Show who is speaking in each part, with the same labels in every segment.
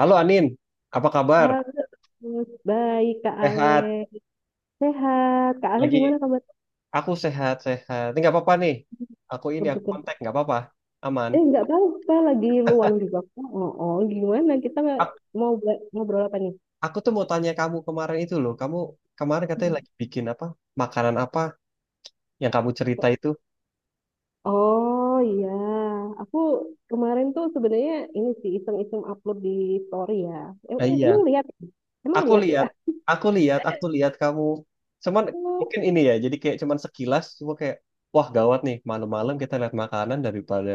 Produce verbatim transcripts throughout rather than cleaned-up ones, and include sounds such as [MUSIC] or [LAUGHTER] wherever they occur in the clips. Speaker 1: Halo Anin, apa kabar?
Speaker 2: Halo, Gus. Baik, Kak Ale.
Speaker 1: Sehat?
Speaker 2: Sehat. Kak Ale,
Speaker 1: Lagi
Speaker 2: gimana kabar?
Speaker 1: aku sehat-sehat. Ini nggak apa-apa nih. Aku ini aku
Speaker 2: Bersyukur.
Speaker 1: kontak nggak apa-apa. Aman.
Speaker 2: Eh, nggak tahu. Saya lagi luang juga, Kak. Oh, oh, gimana? Kita nggak-
Speaker 1: Ak-
Speaker 2: mau bela- ngobrol apa nih?
Speaker 1: Aku tuh mau tanya kamu kemarin itu loh. Kamu kemarin katanya lagi bikin apa? Makanan apa yang kamu cerita itu?
Speaker 2: Oh, iya. Aku kemarin tuh sebenarnya ini sih iseng-iseng upload di story ya. Em-
Speaker 1: Nah,
Speaker 2: Emang
Speaker 1: iya.
Speaker 2: lihat? Emang
Speaker 1: Aku
Speaker 2: lihat ya?
Speaker 1: lihat, aku lihat, aku lihat kamu. Cuman
Speaker 2: Oh.
Speaker 1: mungkin ini ya. Jadi kayak cuman sekilas. Cuma kayak wah gawat nih. Malam-malam kita lihat makanan daripada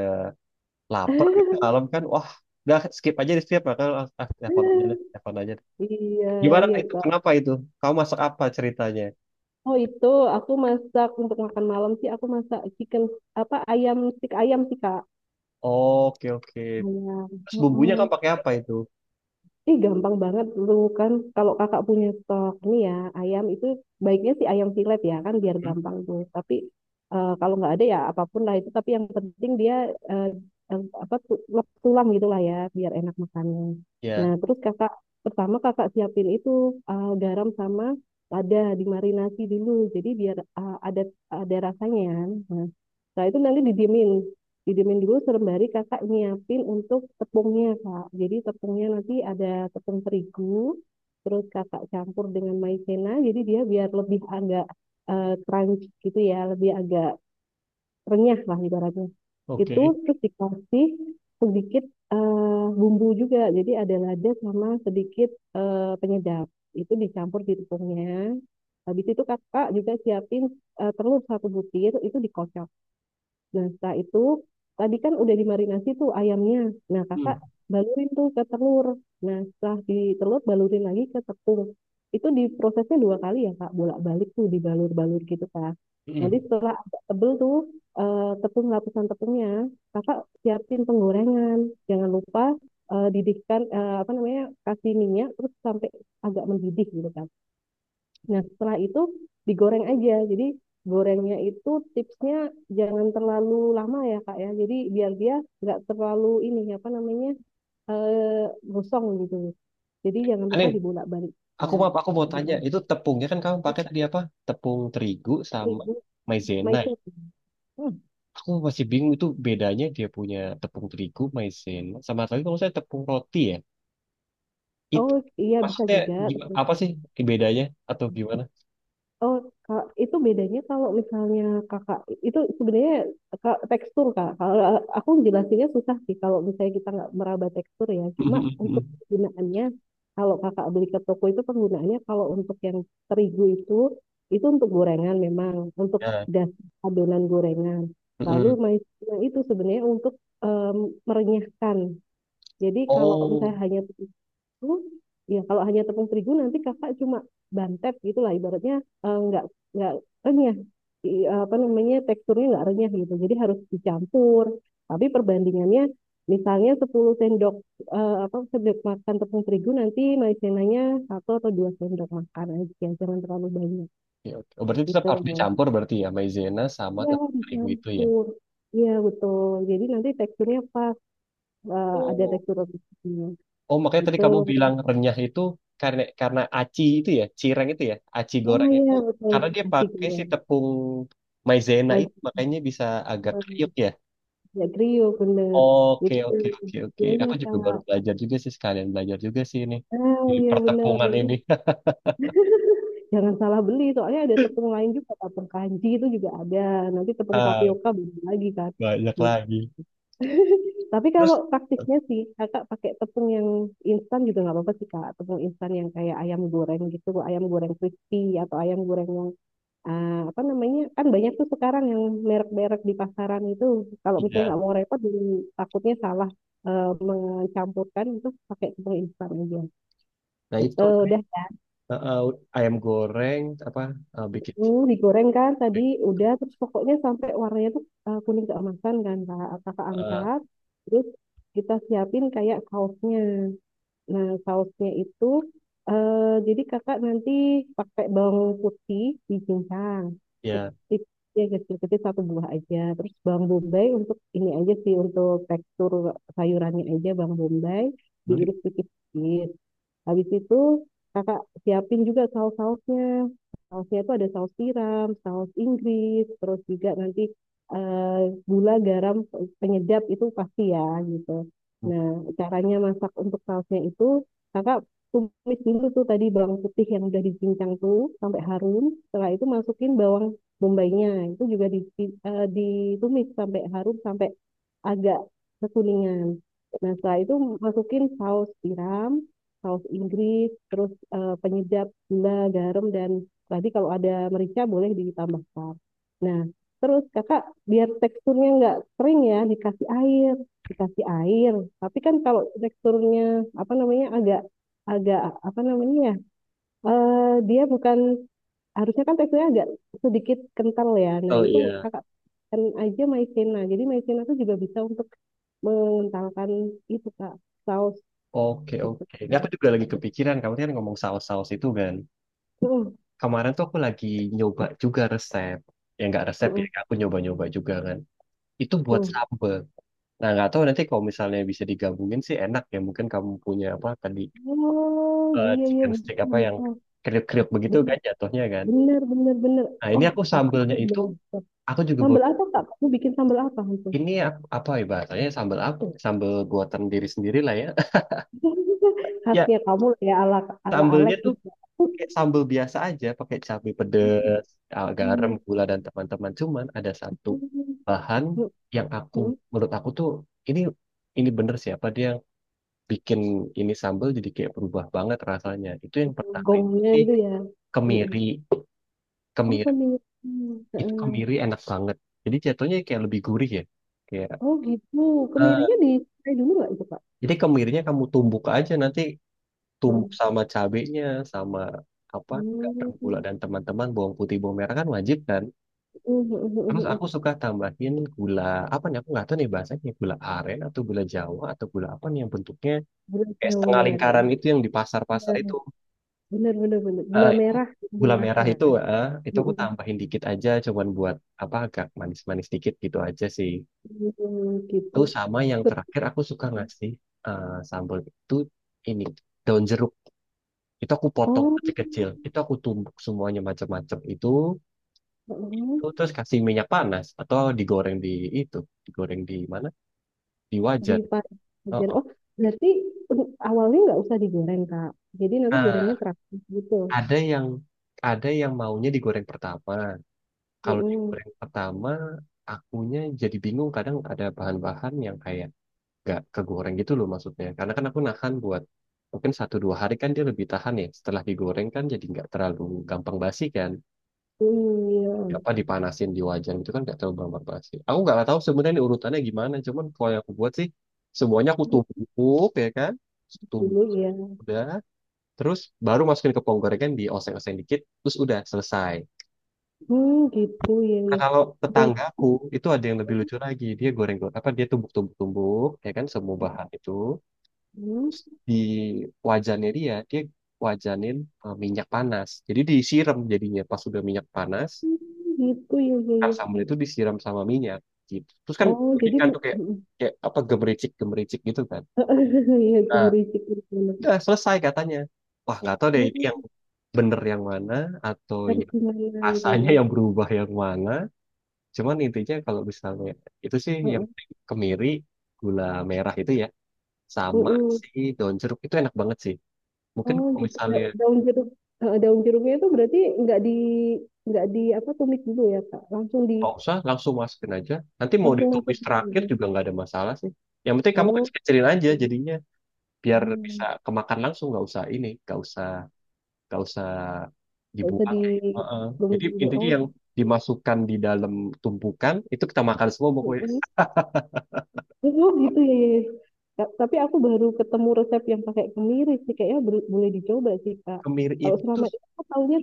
Speaker 1: lapar. Malam
Speaker 2: [LAUGHS]
Speaker 1: kan wah udah skip aja di skip. Makanya ah, ah, telepon aja deh. Telepon aja.
Speaker 2: Iya,
Speaker 1: Gimana
Speaker 2: iya,
Speaker 1: itu?
Speaker 2: Kak.
Speaker 1: Kenapa itu? Kamu masak apa ceritanya?
Speaker 2: Oh, itu aku masak untuk makan malam sih, aku masak chicken, apa, ayam, stik ayam sih, Kak.
Speaker 1: Oke, oke.
Speaker 2: Ayam.
Speaker 1: Terus bumbunya
Speaker 2: Mm-mm.
Speaker 1: kamu pakai apa itu?
Speaker 2: Ih, gampang banget tuh kan. Kalau kakak punya stok nih ya, ayam itu baiknya sih ayam silet ya kan biar
Speaker 1: Hmm?
Speaker 2: gampang tuh. Tapi eh, kalau nggak ada ya apapun lah itu. Tapi yang penting dia eh, eh, apa tu- lep- tulang gitulah ya biar enak makannya. Nah,
Speaker 1: Ya,
Speaker 2: terus kakak pertama kakak siapin itu eh, garam sama lada, dimarinasi dulu. Jadi biar eh, ada ada rasanya, ya. Nah, setelah itu nanti didiemin didiemin dulu sembari kakak nyiapin untuk tepungnya, Kak. Jadi tepungnya nanti ada tepung terigu, terus kakak campur dengan maizena jadi dia biar lebih agak eh, crunchy gitu ya, lebih agak renyah lah ibaratnya.
Speaker 1: oke.
Speaker 2: Itu terus dikasih sedikit eh, bumbu juga, jadi ada lada sama sedikit eh, penyedap, itu dicampur di tepungnya. Habis itu kakak juga siapin eh, telur satu butir, itu dikocok. Nah, setelah itu tadi kan udah dimarinasi tuh ayamnya. Nah,
Speaker 1: Hmm.
Speaker 2: kakak balurin tuh ke telur. Nah, setelah di telur, balurin lagi ke tepung. Itu diprosesnya dua kali ya, Kak. Bolak-balik tuh dibalur-balur gitu, Kak. Nanti
Speaker 1: Hmm.
Speaker 2: setelah agak tebel tuh eh, tepung lapisan tepungnya, kakak siapin penggorengan. Jangan lupa eh, didihkan, eh, apa namanya, kasih minyak terus sampai agak mendidih gitu, Kak. Nah, setelah itu digoreng aja. Jadi gorengnya itu tipsnya jangan terlalu lama ya, Kak ya. Jadi biar dia nggak terlalu ini, apa namanya, eh gosong gitu. Jadi jangan lupa
Speaker 1: Anin,
Speaker 2: dibolak-balik.
Speaker 1: aku
Speaker 2: Ya,
Speaker 1: maaf, aku mau
Speaker 2: kita
Speaker 1: tanya. Itu tepungnya kan kamu pakai tadi apa? Tepung terigu sama
Speaker 2: terigu
Speaker 1: maizena.
Speaker 2: maizena. Hmm.
Speaker 1: Aku masih bingung itu bedanya dia punya tepung terigu, maizena, sama tadi kalau saya tepung roti ya. Itu
Speaker 2: Oh, iya, bisa
Speaker 1: maksudnya
Speaker 2: juga.
Speaker 1: gimana, apa sih bedanya atau gimana? [LAUGHS]
Speaker 2: Oh, Kak, itu bedanya kalau misalnya kakak itu sebenarnya, Kak, tekstur, Kak. Kalau aku jelasinnya susah sih kalau misalnya kita nggak meraba tekstur ya.
Speaker 1: Hmm,
Speaker 2: Cuma
Speaker 1: hmm, hmm,
Speaker 2: untuk
Speaker 1: hmm.
Speaker 2: penggunaannya, kalau kakak beli ke toko itu penggunaannya kalau untuk yang terigu itu itu untuk gorengan, memang untuk
Speaker 1: Ya.
Speaker 2: das adonan gorengan. Lalu
Speaker 1: Mm-mm.
Speaker 2: maizena itu sebenarnya untuk em, merenyahkan. Jadi kalau
Speaker 1: Oh.
Speaker 2: misalnya hanya, oh, ya, kalau hanya tepung terigu nanti kakak cuma bantet gitulah ibaratnya, eh, nggak nggak renyah, I- apa namanya, teksturnya nggak renyah gitu. Jadi harus dicampur. Tapi perbandingannya misalnya sepuluh sendok eh, apa sendok makan tepung terigu, nanti maizenanya satu atau dua sendok makan aja, jangan terlalu banyak
Speaker 1: Ya, oke. Oh, berarti tetap harus
Speaker 2: gitu.
Speaker 1: dicampur berarti ya maizena sama
Speaker 2: Ya,
Speaker 1: tepung terigu itu ya.
Speaker 2: dicampur. Iya, betul. Jadi nanti teksturnya pas eh, ada
Speaker 1: Oh.
Speaker 2: tekstur roti gitu.
Speaker 1: Oh, makanya tadi
Speaker 2: Betul.
Speaker 1: kamu bilang renyah itu karena karena aci itu ya, cireng itu ya, aci
Speaker 2: Nah,
Speaker 1: goreng itu
Speaker 2: iya, betul.
Speaker 1: karena dia
Speaker 2: Nasi
Speaker 1: pakai si
Speaker 2: goreng.
Speaker 1: tepung maizena itu
Speaker 2: Maizena.
Speaker 1: makanya bisa agak kriuk ya.
Speaker 2: Ya, trio bener
Speaker 1: Oke,
Speaker 2: itu
Speaker 1: oke, oke, oke.
Speaker 2: biayanya,
Speaker 1: Aku juga baru
Speaker 2: Kak.
Speaker 1: belajar juga sih sekalian belajar juga sih ini
Speaker 2: Ah,
Speaker 1: di
Speaker 2: iya, bener.
Speaker 1: pertepungan
Speaker 2: Nanti
Speaker 1: ini. [LAUGHS]
Speaker 2: jangan salah beli, soalnya ada tepung lain juga, tepung kanji itu juga ada, nanti tepung
Speaker 1: Ah,
Speaker 2: tapioka beda lagi kan
Speaker 1: banyak
Speaker 2: gitu.
Speaker 1: lagi.
Speaker 2: Tapi kalau
Speaker 1: Terus
Speaker 2: praktisnya sih kakak pakai tepung yang instan juga nggak apa-apa sih, Kak. Tepung instan yang kayak ayam goreng gitu, ayam goreng crispy, atau ayam goreng yang ah, apa namanya, kan banyak tuh sekarang yang merek-merek di pasaran itu, kalau misalnya
Speaker 1: ya.
Speaker 2: nggak mau repot. Jadi takutnya salah eh, mencampurkan, itu pakai tepung instan aja
Speaker 1: Nah,
Speaker 2: gitu
Speaker 1: itu tadi
Speaker 2: udah.
Speaker 1: eh, eh, ayam goreng apa eh, bikin
Speaker 2: Jatuh, digoreng kan tadi,
Speaker 1: cireng.
Speaker 2: udah, terus pokoknya sampai warnanya tuh eh, kuning keemasan kan, Kak, kakak angkat. Terus kita siapin kayak sausnya. Nah, sausnya itu eh, jadi kakak nanti pakai bawang putih dicincang
Speaker 1: Ya,
Speaker 2: kecil, ya kecil-kecil, satu buah aja, terus bawang bombay untuk ini aja sih, untuk tekstur sayurannya aja, bawang bombay
Speaker 1: hmm,
Speaker 2: diiris tipis-tipis. Habis itu kakak siapin juga saus-sausnya. Sausnya itu ada saus tiram, saus Inggris, terus juga nanti eh, gula, garam, penyedap itu pasti ya gitu. Nah, caranya masak untuk sausnya itu, kakak tumis dulu tuh tadi bawang putih yang udah dicincang tuh sampai harum. Setelah itu masukin bawang bombaynya, itu juga di, di- eh, ditumis sampai harum, sampai agak kekuningan. Nah, setelah itu masukin saus tiram, saus Inggris, terus eh, penyedap, gula, garam, dan tadi kalau ada merica boleh ditambahkan. Nah, terus kakak biar teksturnya nggak kering ya, dikasih air, dikasih air. Tapi kan kalau teksturnya, apa namanya, agak agak apa namanya ya, eh, dia bukan, harusnya kan teksturnya agak sedikit kental ya. Nah,
Speaker 1: betul
Speaker 2: itu
Speaker 1: ya.
Speaker 2: kakak kan aja maizena. Jadi maizena tuh juga bisa untuk mengentalkan itu, Kak, saus
Speaker 1: Oke,
Speaker 2: gitu.
Speaker 1: oke. Ini aku juga lagi kepikiran, kamu kan ngomong saus-saus itu kan.
Speaker 2: Heeh,
Speaker 1: Kemarin tuh aku lagi nyoba juga resep. Ya nggak resep ya,
Speaker 2: heeh,
Speaker 1: aku nyoba-nyoba juga kan. Itu buat
Speaker 2: heeh.
Speaker 1: sambal. Nah, nggak tahu nanti kalau misalnya bisa digabungin sih enak ya. Mungkin kamu punya apa tadi,
Speaker 2: Oh,
Speaker 1: eh,
Speaker 2: iya, iya,
Speaker 1: chicken stick
Speaker 2: bisa,
Speaker 1: apa yang
Speaker 2: bisa.
Speaker 1: kriuk-kriuk begitu kan
Speaker 2: Ben-
Speaker 1: jatuhnya kan.
Speaker 2: Bener, bener, bener.
Speaker 1: Nah, ini
Speaker 2: Oh,
Speaker 1: aku
Speaker 2: aku
Speaker 1: sambalnya
Speaker 2: kok
Speaker 1: itu,
Speaker 2: beli
Speaker 1: aku juga baru,
Speaker 2: sambal apa, Kak? Kamu bikin sambal apa itu?
Speaker 1: ini aku- apa ya bahasanya, sambal aku. Sambal buatan diri sendiri lah ya. [LAUGHS]
Speaker 2: [LAUGHS]
Speaker 1: Ya,
Speaker 2: Khasnya kamu lah ya, ala ala
Speaker 1: sambalnya
Speaker 2: Alek
Speaker 1: tuh
Speaker 2: gitu.
Speaker 1: pakai sambal biasa aja, pakai cabai pedes, ah, garam,
Speaker 2: Ah,
Speaker 1: gula dan teman-teman. Cuman ada satu
Speaker 2: heeh,
Speaker 1: bahan yang aku
Speaker 2: heeh.
Speaker 1: menurut aku tuh ini ini bener siapa dia yang bikin ini sambal jadi kayak berubah banget rasanya. Itu yang pertama itu
Speaker 2: Gongnya
Speaker 1: sih
Speaker 2: itu ya. Heeh.
Speaker 1: kemiri,
Speaker 2: Oh,
Speaker 1: kemiri
Speaker 2: pemilik.
Speaker 1: itu kemiri enak banget. Jadi jatuhnya kayak lebih gurih ya. Kayak
Speaker 2: Oh gitu,
Speaker 1: eh,
Speaker 2: kemirinya di saya dulu nggak itu, Kak?
Speaker 1: jadi kemirinya kamu tumbuk aja nanti
Speaker 2: Heeh.
Speaker 1: tumbuk sama cabenya sama apa garam gula
Speaker 2: Hmm.
Speaker 1: dan teman-teman bawang putih bawang merah kan wajib kan. Terus aku suka tambahin gula apa nih? Aku nggak tahu nih bahasanya gula aren atau gula Jawa atau gula apa nih yang bentuknya
Speaker 2: Gula
Speaker 1: kayak
Speaker 2: Jawa
Speaker 1: setengah
Speaker 2: ya, Dok.
Speaker 1: lingkaran itu yang di pasar-pasar
Speaker 2: Iya,
Speaker 1: itu.
Speaker 2: benar, benar, benar.
Speaker 1: Ah,
Speaker 2: Gula
Speaker 1: itu
Speaker 2: merah, gula
Speaker 1: gula
Speaker 2: merah
Speaker 1: merah
Speaker 2: ya.
Speaker 1: itu, ah, itu aku
Speaker 2: Mm,
Speaker 1: tambahin dikit aja, cuman buat apa agak manis-manis dikit gitu aja sih.
Speaker 2: mm, gitu.
Speaker 1: Terus sama yang
Speaker 2: Terus-
Speaker 1: terakhir aku suka ngasih eh, sambal itu ini daun jeruk. Itu aku potong
Speaker 2: Oh,
Speaker 1: kecil-kecil. Itu aku tumbuk semuanya macam-macam itu.
Speaker 2: heeh.
Speaker 1: Terus kasih minyak panas atau digoreng di itu, digoreng di mana? Di
Speaker 2: Di
Speaker 1: wajan. Oh,
Speaker 2: Pajajaran.
Speaker 1: oh.
Speaker 2: Oh, berarti awalnya nggak usah digoreng, Kak. Jadi nanti
Speaker 1: Nah,
Speaker 2: gorengnya terakhir gitu.
Speaker 1: ada yang ada yang maunya digoreng pertama. Kalau
Speaker 2: Heeh.
Speaker 1: digoreng pertama, akunya jadi bingung kadang ada bahan-bahan yang kayak nggak kegoreng gitu loh maksudnya. Karena kan aku nahan buat mungkin satu dua hari kan dia lebih tahan ya. Setelah digoreng kan jadi nggak terlalu gampang basi kan.
Speaker 2: Hmm, iya.
Speaker 1: Ya, apa dipanasin di wajan itu kan nggak terlalu gampang basi. Aku nggak tahu sebenarnya ini urutannya gimana. Cuman kalau yang aku buat sih semuanya aku tumbuk ya kan. Tumbuk
Speaker 2: Dulu ya.
Speaker 1: udah. Terus baru masukin ke pohon gorengan, dioseng-oseng dikit, terus udah selesai.
Speaker 2: Hmm, gitu ya,
Speaker 1: Nah,
Speaker 2: ya.
Speaker 1: kalau
Speaker 2: Dan-
Speaker 1: tetanggaku itu ada yang lebih lucu lagi. Dia goreng goreng apa dia tumbuk-tumbuk-tumbuk ya kan semua bahan itu.
Speaker 2: Hmm,
Speaker 1: Terus di wajannya dia dia wajanin eh, minyak panas. Jadi disiram jadinya pas udah minyak panas,
Speaker 2: gitu ya, ya,
Speaker 1: kan
Speaker 2: ya.
Speaker 1: sambal itu disiram sama minyak gitu. Terus kan
Speaker 2: Oh,
Speaker 1: jadi
Speaker 2: jadi
Speaker 1: kan tuh
Speaker 2: mu-
Speaker 1: kayak kayak apa gemericik-gemericik gitu kan.
Speaker 2: [LAUGHS] Iya, ke
Speaker 1: Nah,
Speaker 2: Mericik gitu.
Speaker 1: udah selesai katanya. Wah, nggak tahu deh ini yang
Speaker 2: Hmm,
Speaker 1: bener yang mana atau
Speaker 2: dari Himalaya gitu
Speaker 1: rasanya
Speaker 2: ya.
Speaker 1: yang berubah yang mana. Cuman intinya kalau misalnya itu sih yang
Speaker 2: Heeh.
Speaker 1: penting kemiri, gula merah itu ya, sama
Speaker 2: Mm.
Speaker 1: si daun jeruk itu enak banget sih. Mungkin
Speaker 2: Oh,
Speaker 1: kalau
Speaker 2: gitu.
Speaker 1: misalnya
Speaker 2: Da- daun jeruk eh, daun jeruknya itu berarti nggak di nggak di apa, tumis dulu ya, Kak. Langsung di
Speaker 1: nggak usah langsung masukin aja. Nanti mau
Speaker 2: langsung masuk
Speaker 1: ditumis
Speaker 2: ke
Speaker 1: terakhir
Speaker 2: sini.
Speaker 1: juga nggak ada masalah sih. Yang penting kamu
Speaker 2: Oh.
Speaker 1: kecil-kecilin aja jadinya biar bisa
Speaker 2: Oh,
Speaker 1: kemakan langsung nggak usah ini, nggak usah nggak usah
Speaker 2: nggak usah
Speaker 1: dibuang.
Speaker 2: di
Speaker 1: Heeh.
Speaker 2: tumis
Speaker 1: Jadi
Speaker 2: dulu.
Speaker 1: intinya
Speaker 2: Oh.
Speaker 1: yang dimasukkan di dalam tumpukan itu kita makan semua pokoknya
Speaker 2: Mm. Oh gitu ya, ya, ya. Ta- Tapi aku baru ketemu resep yang pakai kemiri sih. Kayaknya bel- boleh dicoba sih, Kak.
Speaker 1: kemiri
Speaker 2: Kalau
Speaker 1: itu
Speaker 2: selama ini aku taunya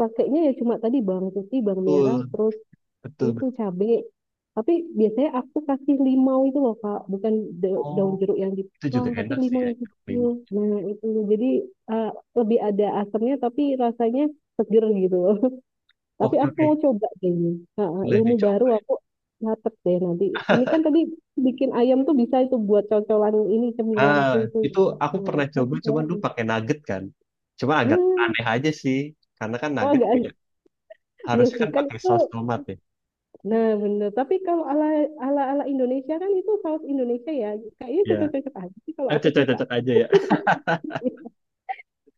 Speaker 2: pakainya ya cuma tadi bawang putih, bawang
Speaker 1: betul
Speaker 2: merah, terus
Speaker 1: betul.
Speaker 2: itu cabai. Tapi biasanya aku kasih limau itu loh, Kak. Bukan da-
Speaker 1: Oh,
Speaker 2: daun jeruk yang
Speaker 1: itu
Speaker 2: dipotong,
Speaker 1: juga
Speaker 2: tapi
Speaker 1: enak sih
Speaker 2: limau
Speaker 1: ya
Speaker 2: yang
Speaker 1: jeruk
Speaker 2: kecil.
Speaker 1: limau.
Speaker 2: Nah, itu. Jadi eh, lebih ada asamnya, tapi rasanya seger gitu. Tapi
Speaker 1: Oke,
Speaker 2: aku
Speaker 1: oke,
Speaker 2: mau coba deh ini. Ha-ha,
Speaker 1: boleh
Speaker 2: ilmu
Speaker 1: dicoba.
Speaker 2: baru, aku catet deh nanti. Ini kan tadi bikin ayam tuh bisa itu buat cocolan, ini
Speaker 1: Ah,
Speaker 2: cemilanku itu.
Speaker 1: itu aku
Speaker 2: Nah,
Speaker 1: pernah coba,
Speaker 2: terus ya.
Speaker 1: cuman dulu pakai nugget kan. Cuma agak aneh
Speaker 2: Ah,
Speaker 1: aja sih, karena kan
Speaker 2: oh
Speaker 1: nugget
Speaker 2: agak
Speaker 1: kayak
Speaker 2: [LAUGHS] iya
Speaker 1: harusnya
Speaker 2: sih
Speaker 1: kan
Speaker 2: kan
Speaker 1: pakai
Speaker 2: itu.
Speaker 1: saus tomat ya.
Speaker 2: Nah, bener. Tapi kalau ala ala ala Indonesia kan, itu saus Indonesia ya. Kayaknya
Speaker 1: Ya,
Speaker 2: cocok-cocok aja sih kalau
Speaker 1: ah,
Speaker 2: aku sih, Kak.
Speaker 1: cocok-cocok aja ya.
Speaker 2: [LAUGHS]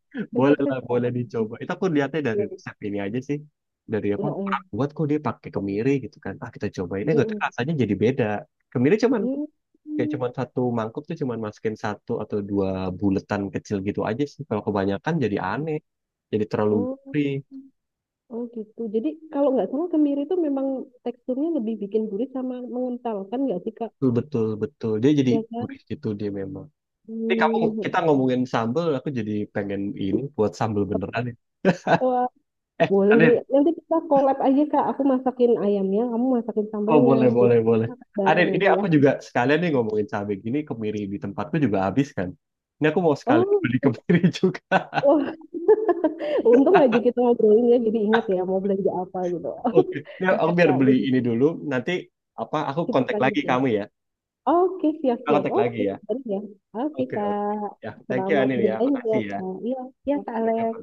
Speaker 1: [LAUGHS] Boleh lah,
Speaker 2: Cocok-cocok
Speaker 1: boleh dicoba. Itu aku lihatnya dari
Speaker 2: aja.
Speaker 1: resep ini aja sih. Dari apa
Speaker 2: Heeh.
Speaker 1: orang buat kok dia pakai kemiri gitu kan. Ah kita cobain, eh nggak tahu,
Speaker 2: Heeh.
Speaker 1: rasanya jadi beda. Kemiri cuma
Speaker 2: Heeh.
Speaker 1: kayak cuman satu mangkuk tuh cuman masukin satu atau dua buletan kecil gitu aja sih kalau kebanyakan jadi aneh jadi terlalu
Speaker 2: Oh,
Speaker 1: gurih
Speaker 2: oh gitu. Jadi kalau nggak salah kemiri itu memang teksturnya lebih bikin gurih sama mengental kan, nggak sih, Kak?
Speaker 1: betul betul betul dia jadi
Speaker 2: Ya kan?
Speaker 1: gurih gitu dia memang ini kamu
Speaker 2: Hmm,
Speaker 1: kita ngomongin sambel aku jadi pengen ini buat sambel beneran
Speaker 2: tepat
Speaker 1: nih
Speaker 2: tua.
Speaker 1: eh
Speaker 2: Boleh nih.
Speaker 1: Adit.
Speaker 2: Nanti kita collab aja, Kak. Aku masakin ayamnya, kamu masakin
Speaker 1: oh
Speaker 2: sambelnya.
Speaker 1: boleh
Speaker 2: Jadi
Speaker 1: boleh
Speaker 2: kita
Speaker 1: boleh
Speaker 2: masak bareng
Speaker 1: Adit ini
Speaker 2: nanti ya.
Speaker 1: aku juga sekalian nih ngomongin cabai gini kemiri di tempatku juga habis kan ini aku mau sekalian
Speaker 2: Oh,
Speaker 1: beli kemiri [LAUGHS] juga.
Speaker 2: wah. [LAUGHS] Untung aja kita ngobrolin ya. Jadi ingat ya mau belanja apa gitu.
Speaker 1: Oke
Speaker 2: [LAUGHS]
Speaker 1: ini
Speaker 2: Iya,
Speaker 1: aku biar
Speaker 2: Kak.
Speaker 1: beli
Speaker 2: Udah.
Speaker 1: ini dulu nanti apa aku
Speaker 2: Kita
Speaker 1: kontak lagi
Speaker 2: lanjut ya.
Speaker 1: kamu ya.
Speaker 2: Oke,
Speaker 1: Aku
Speaker 2: siap-siap.
Speaker 1: kontak lagi
Speaker 2: Oke,
Speaker 1: ya.
Speaker 2: baru ya. Oke,
Speaker 1: Oke, oke.
Speaker 2: Kak.
Speaker 1: Ya, thank you
Speaker 2: Selamat
Speaker 1: Anil ya.
Speaker 2: berbelanja,
Speaker 1: Makasih ya.
Speaker 2: Kak. Iya, ya, Kak Alex.
Speaker 1: Kita